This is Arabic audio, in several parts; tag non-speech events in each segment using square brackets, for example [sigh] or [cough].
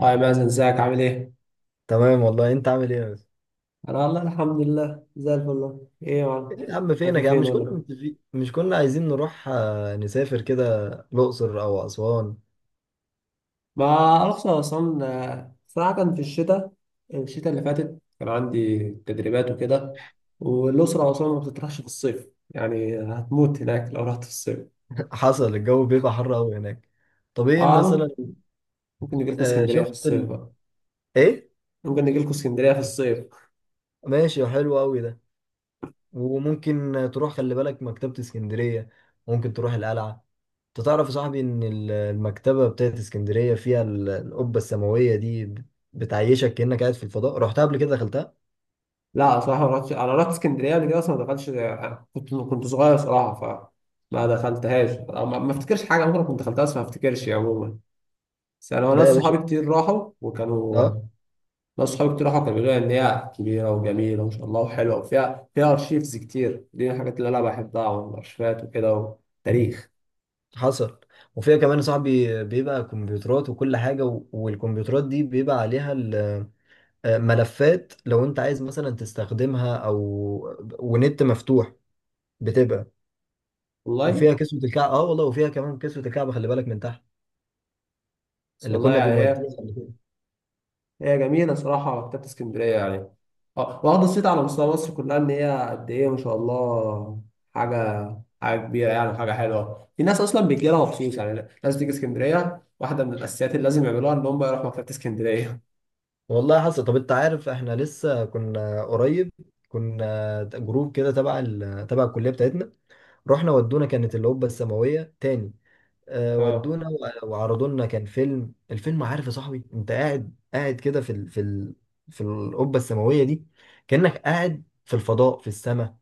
هاي مازن، ازيك عامل ايه؟ تمام والله. انت عامل ايه يا بس؟ انا والله الحمد لله زي الفل والله. ايه يا معلم؟ ايه يا عم؟ ماشي، فينك يا عم؟ فين مش ولا كنا إيه؟ متفقين، مش كنا عايزين نروح، نسافر كده الاقصر او اسوان. ما اعرفش انا اصلا. صراحة كان في الشتاء اللي فاتت كان عندي تدريبات وكده، والأسرة أصلا ما بتطرحش في الصيف، يعني هتموت هناك لو رحت في الصيف. [laughs] حصل. الجو بيبقى حر قوي هناك. طب ايه مثلا؟ اه، ممكن نجي لكم اسكندرية في شفت الصيف بقى. ايه. ممكن نجي لكم اسكندرية في الصيف. ماشي، حلو قوي ده. وممكن تروح، خلي بالك، مكتبة اسكندرية. ممكن تروح القلعة. انت تعرف يا صاحبي ان المكتبة بتاعت اسكندرية فيها القبة السماوية دي بتعيشك كأنك قاعد في الفضاء. رحتها قبل كده؟ دخلتها؟ لا صراحة ما رحتش، أنا رحت اسكندرية قبل كده أصلا ما دخلتش. كنت صغير صراحة، ف ما دخلتهاش أو ما افتكرش حاجه، عمري كنت دخلتها بس ما افتكرش عموما. بس انا لا ناس يا باشا. صحابي كتير راحوا وكانوا. اه، ناس صحابي كتير راحوا كانوا بيقولوا لي ان هي كبيره وجميله وما شاء الله وحلوه، وفيها ارشيفز كتير، دي من الحاجات اللي انا بحبها، والارشيفات وكده، وتاريخ. حصل. وفيها كمان يا صاحبي بيبقى كمبيوترات وكل حاجة، والكمبيوترات دي بيبقى عليها ملفات لو انت عايز مثلا تستخدمها او ونت مفتوح، بتبقى. وفيها والله. كسوة الكعب، اه والله، وفيها كمان كسوة الكعب، خلي بالك، من تحت بس اللي والله كنا يعني هي، بنوديها قبل كده. جميله صراحه مكتبه اسكندريه يعني. اه، واخده صيت على مستوى مصر كلها، ان هي قد ايه ما شاء الله. حاجه، حاجه كبيره يعني، حاجه حلوه، في ناس اصلا بتجي لها مخصوص، يعني ناس بتيجي اسكندريه واحده من الاساسيات اللي لازم يعملوها ان هم يروحوا مكتبه اسكندريه. والله حصل. طب انت عارف احنا لسه كنا قريب، كنا جروب كده تبع تبع الكلية بتاعتنا، رحنا ودونا، كانت اللي هوبا السماوية تاني. اه. ودونا وعرضوا لنا، كان فيلم، الفيلم، عارف يا صاحبي، انت قاعد قاعد كده في القبه السماويه دي، كانك قاعد في الفضاء، في السماء،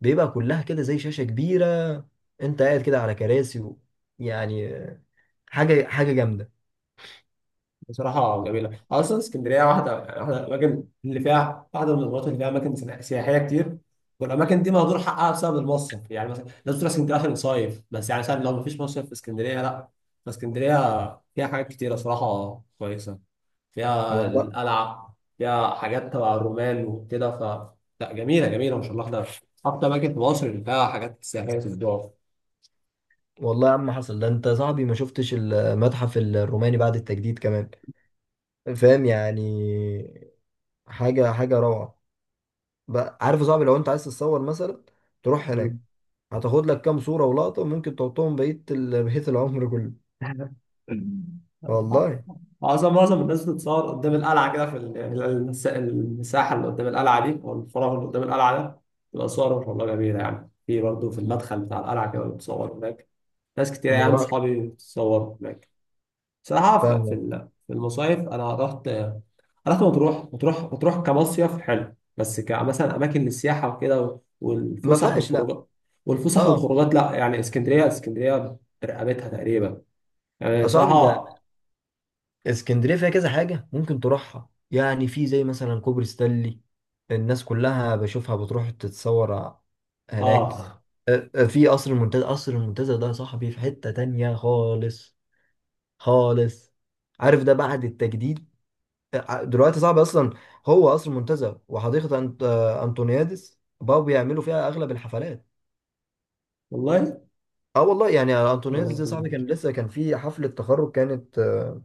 بيبقى كلها كده زي شاشه كبيره، انت قاعد كده على كراسي يعني، حاجه حاجه جامده، بصراحة جميلة أصلا اسكندرية، واحدة يعني، واحدة من الأماكن اللي فيها، واحدة من المناطق اللي فيها أماكن سياحية كتير. والأماكن دي مهدور حقها بسبب المصيف، يعني مثلا الناس بتروح اسكندرية عشان تصيف بس، يعني مثلا لو مفيش مصيف في اسكندرية لأ. فاسكندرية فيها حاجات كتيرة صراحة كويسة. فيها والله. القلعة، فيها حاجات تبع الرومان وكده ف لأ جميلة جميلة ما شاء الله ده أكتر أماكن في مصر اللي فيها حاجات سياحية في الدول. والله يا عم حصل. ده انت يا صاحبي ما شفتش المتحف الروماني بعد التجديد كمان، فاهم يعني؟ حاجه حاجه روعه. بقى عارف يا صاحبي، لو انت عايز تتصور مثلا، تروح هناك، هتاخد لك كام صورة ولقطة ممكن تحطهم بقية بقية العمر كله، [laughs] والله. معظم الناس بتتصور قدام القلعة كده، يعني المساحة اللي قدام القلعة دي، أو الفراغ اللي قدام القلعة ده، تبقى صور والله جميلة. يعني في برضه، في المدخل بتاع القلعة كده بتصور هناك. ناس كتير يعني الموضوع، أصحابي بتصور هناك. بصراحة في فاهمك. في المصايف أنا رحت. رحت مطروح، مطروح كمصيف حلو بس، كمثلا أماكن للسياحة وكده ما والفسح فيهاش، لا. والخروجات، اه، لا يعني اسكندرية برقبتها تقريبا يا يعني صاحبي، ده صراحة. اسكندرية فيها كذا حاجة ممكن تروحها. يعني في زي مثلا كوبري ستانلي، الناس كلها بشوفها بتروح تتصور هناك. آه، في قصر المنتزه. قصر المنتزه ده يا صاحبي في حتة تانية خالص، خالص. عارف ده بعد التجديد، دلوقتي صعب اصلا. هو قصر منتزه وحديقه انطونيادس، بقوا بيعملوا فيها اغلب الحفلات. والله. اه والله. يعني انطونيادس آه، دي، صاحبي كان فهمت. لسه كان في حفله تخرج، كانت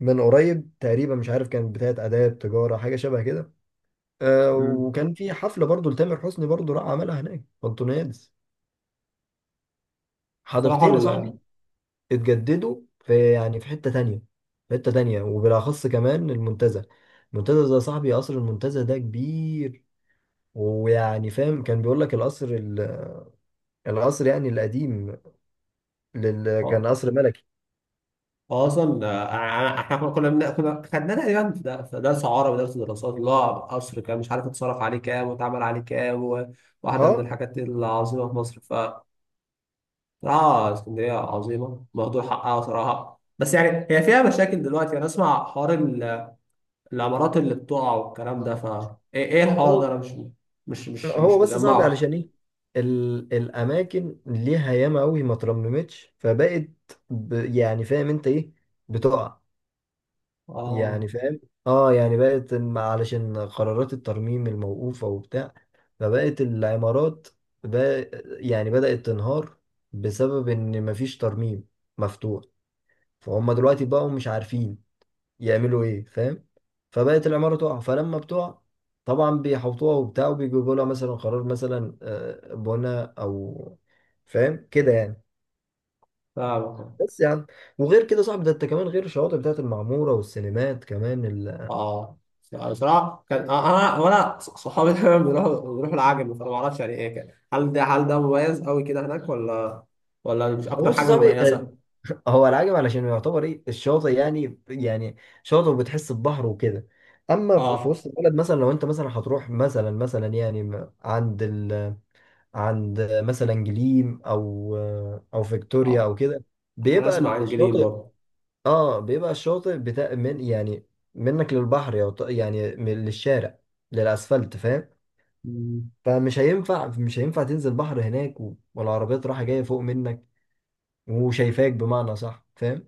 من قريب تقريبا، مش عارف كانت بتاعه اداب تجاره، حاجه شبه كده، مم. وكان في حفله برضو لتامر حسني، برضو راح عملها هناك في انطونيادس. بصراحة حديقتين يا ال صاحبي اتجددوا، في يعني في حته تانية، في حته تانية. وبالاخص كمان المنتزه. المنتزه ده يا صاحبي، قصر المنتزه ده كبير، ويعني فاهم، كان بيقول لك القصر القصر يعني القديم، كان آه، قصر ملكي. أصلا إحنا كنا خدناه تقريبا في في درس عربي ودرس دراسات، اللي هو قصر كان مش عارف اتصرف عليه كام واتعمل عليه كام، وواحدة من اه. الحاجات العظيمة في مصر. فبصراحة اسكندرية عظيمة مهدور حقها صراحة، بس يعني هي فيها مشاكل دلوقتي. أنا أسمع حوار العمارات اللي بتقع والكلام ده، فا إيه، إيه الحوار ده؟ هو أنا مش مش مش هو مش بس صعب، مجمعه. علشان ايه؟ الاماكن ليها ياما قوي ما ترممتش، فبقت يعني فاهم انت ايه، بتقع، آه يعني فاهم. اه، يعني بقت علشان قرارات الترميم الموقوفة وبتاع، فبقت العمارات بقى يعني بدأت تنهار، بسبب ان مفيش ترميم مفتوح. فهم دلوقتي بقوا مش عارفين يعملوا ايه، فاهم؟ فبقت العمارة تقع، فلما بتقع، طبعا بيحوطوها وبتاع، وبيجيبوا لها مثلا قرار مثلا، بنى او، فاهم كده يعني، فاهم. بس يعني. وغير كده صاحبي، ده انت كمان غير الشواطئ بتاعت المعمورة والسينمات كمان اه بصراحه كان، انا وانا صحابي [laughs] دايما بيروحوا العجمي، فانا ما اعرفش يعني ايه كان، هل ده مميز قوي كده هناك، ولا مش [laughs] اكتر بص يا حاجه صاحبي، مميزه؟ [laughs] هو العجب علشان يعتبر ايه الشاطئ، يعني شاطئ، وبتحس ببحر وكده. اما في اه. وسط البلد مثلا، لو انت مثلا هتروح مثلا، يعني عند عند مثلا جليم، او او فيكتوريا او اه كده، انا بيبقى اسمع عن جليم الشاطئ. برضه. اه، بيبقى الشاطئ بتاع من يعني منك للبحر، يعني للشارع، للاسفلت، فاهم؟ مم. فمش هينفع، مش هينفع تنزل بحر هناك، والعربيات رايحه جايه فوق منك وشايفاك، بمعنى صح، فاهم؟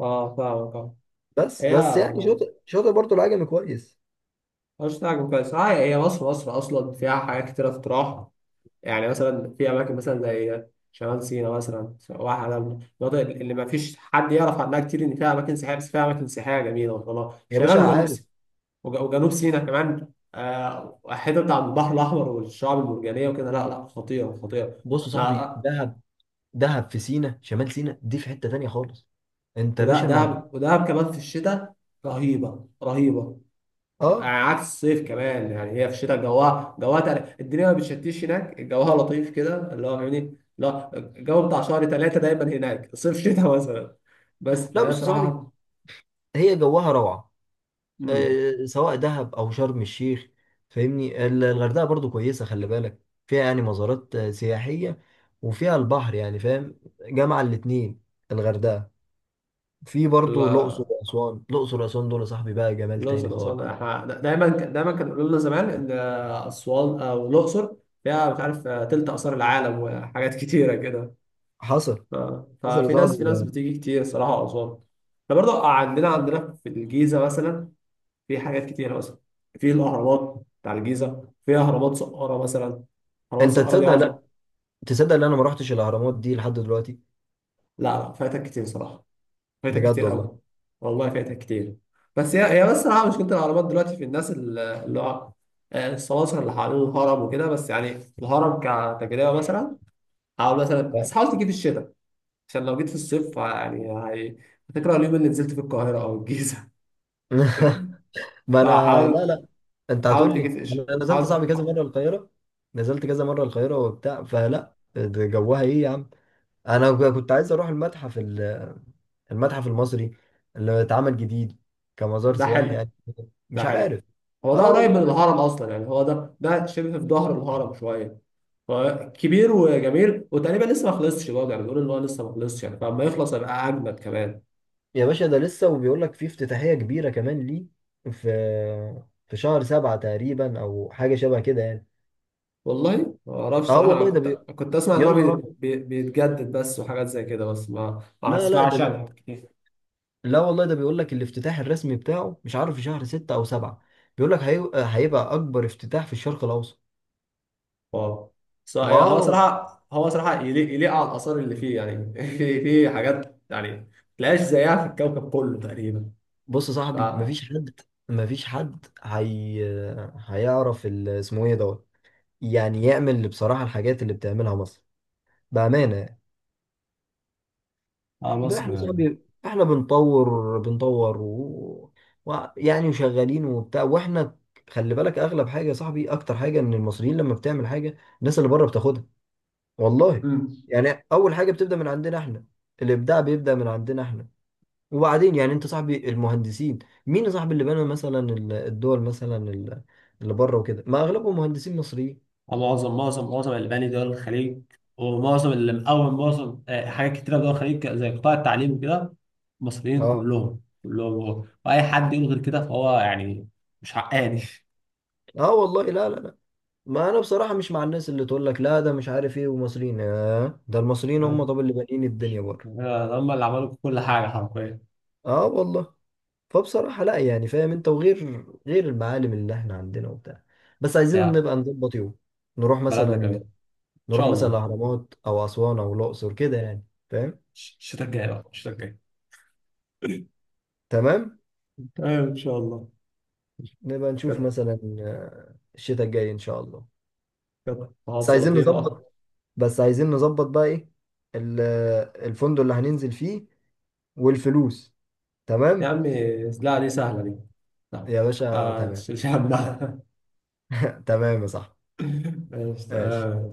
اه فاهمك اه. بس هي بس يعني شاطئ، شاطئ برضه العجمي كويس. مش تعجب كويس، اه هي مصر اصلا فيها حاجات كتيره تتراح. يعني مثلا في اماكن مثلا زي شمال سيناء مثلا، واحدة من المناطق اللي ما فيش حد يعرف عنها كتير، ان فيها اماكن سياحيه، بس فيها اماكن سياحيه جميله والله. يا شمال باشا وجنوب، عارف، وجنوب سيناء كمان. الحتة بتاع البحر الأحمر والشعاب المرجانية وكده، لا لا خطيرة خطيرة. بص يا لا. صاحبي، دهب. دهب في سينا، شمال سينا دي في حته تانيه خالص. انت يا وده باشا ما، دهب، ودهب كمان في الشتاء رهيبة رهيبة. اه، يعني عكس الصيف كمان، يعني هي في الشتاء جواها، الدنيا ما بتشتيش هناك، جواها لطيف كده اللي هو فاهمني، لا الجو بتاع شهر ثلاثة دايما هناك صيف شتاء مثلا، بس لا، فهي بص يا صاحبي، صراحة. هي جواها روعة، مم. سواء دهب أو شرم الشيخ، فاهمني؟ الغردقة برضو كويسة، خلي بالك فيها يعني مزارات سياحية، وفيها البحر، يعني فاهم، جامعة الاتنين الغردقة. في برضو الأقصر وأسوان. الأقصر وأسوان دول يا صاحبي بقى جمال تاني الأقصر وأسوان، خالص. احنا دايما دايما كانوا يقولوا لنا زمان إن أسوان أو الأقصر فيها مش عارف، تلت آثار العالم وحاجات [laughs] كتيرة كده. حصل. ف- حصل يا ففي ناس، في صاحبي ناس يعني. بتيجي كتير صراحة أسوان. احنا برضو عندنا، في الجيزة مثلا في حاجات كتيرة مثلا، في الأهرامات بتاع الجيزة، في أهرامات سقارة مثلا. أهرامات أنت سقارة دي تصدق؟ لا، عظمة. تصدق إن أنا ما رحتش الأهرامات دي لحد دلوقتي، لا لا فايتك كتير صراحة، فايتك بجد كتير والله؟ قوي. والله فايتك كتير. بس هي، بس صراحة مشكلة العربات دلوقتي، في الناس اللي هو، السماسرة اللي حوالين الهرم وكده، بس يعني الهرم كتجربة مثلا، حاول مثلا، بس حاول تجي في الشتاء، عشان لو جيت في الصيف يعني، هتكره اليوم اللي نزلت في القاهرة أو الجيزة. [laughs] [laughs] ما أنا، لا فحاول، لا، انت حاول هتقول لي تجي في يعني، الش- انا نزلت صاحبي كذا مره القاهره، نزلت كذا مره القاهره وبتاع، فلا، ده جوها ايه يا عم. انا كنت عايز اروح المتحف المتحف المصري اللي اتعمل جديد كمزار ده سياحي حلو. يعني، ده مش حلو. عارف. هو ده اه قريب من والله. بس الهرم أصلا يعني، هو ده شبه في ظهر الهرم شوية، فكبير وجميل، وتقريبا لسه ما خلصش برضه، يعني بيقولوا ان هو لسه ما خلصش، يعني فلما يخلص هيبقى اجمد كمان. يا باشا، ده لسه، وبيقول لك في افتتاحيه كبيره كمان ليه، في في شهر سبعة تقريبا، او حاجه شبه كده يعني. والله ما اعرفش اه صراحه، انا والله، كنت، اسمع ان يا هو، نهار ابيض. بيتجدد بس وحاجات زي كده، بس ما لا لا، اسمعش عن حاجات كتير. لا والله، ده بيقول لك الافتتاح الرسمي بتاعه، مش عارف، في شهر ستة أو سبعة، بيقول لك هيبقى أكبر افتتاح في الشرق الأوسط. اه، هو واو. صراحه، يليق، على الاثار اللي فيه يعني. [laughs] في حاجات يعني ما تلاقيش زيها في الكوكب كله تقريبا. بص يا ف صاحبي مفيش حد، مفيش حد هي... هيعرف اسمه إيه، دوت، يعني يعمل اللي، بصراحة الحاجات اللي بتعملها مصر، بأمانة يعني، ده إحنا يا مصر. صاحبي، إحنا بنطور، يعني وشغالين وبتاع، وإحنا خلي بالك، أغلب حاجة يا صاحبي، أكتر حاجة، إن المصريين لما بتعمل حاجة، الناس اللي بره بتاخدها، والله. مم. يعني اول حاجه بتبدا من عندنا احنا، الابداع بيبدا من عندنا احنا، وبعدين يعني انت صاحبي، المهندسين، مين يا صاحبي اللي بنى مثلا الدول مثلا اللي بره وكده، ما اغلبهم مهندسين مصريين. معظم الألباني دول الخليج، ومعظم اللي مقوم، معظم حاجات كتيرة في دول الخليج زي قطاع التعليم وكده، مصريين اه. كلهم كلهم هو. وأي حد يقول غير كده فهو يعني مش حقاني. اه والله، لا لا لا، ما انا بصراحه مش مع الناس اللي تقول لك لا، ده مش عارف ايه، ومصريين، ده المصريين هم تمام؟ طب اللي بانيين الدنيا بره. يعني هم اللي عملوا كل حاجة حرفيا. اه والله. فبصراحه لا، يعني فاهم انت، وغير، غير المعالم اللي احنا عندنا وبتاع، بس عايزين بتاع نبقى نظبط يوم نروح بلدنا كمان مثلا، إن نروح شاء مثلا الله. الاهرامات او اسوان او الاقصر كده يعني، فاهم؟ الشتاء الجاي بقى، الشتاء الجاي تمام. تمام إن شاء الله. نبقى نشوف كده، مثلا، الشتاء الجاي ان شاء الله. كده بس محادثة عايزين لطيفة. نظبط. بس عايزين نظبط بقى ايه، ال- الفندق اللي هننزل فيه، والفلوس. يا تمام عمي لا دي سهلة دي، لا يا باشا، ما تمام. تشيلش همها. تمام يا صاحبي. [laughs] ماشي ماشي. تمام.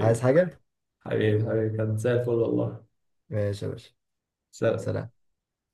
عايز حاجة؟ حبيبي حبيبي كان زي الفل والله. ماشي يا باشا، سلام. سلام.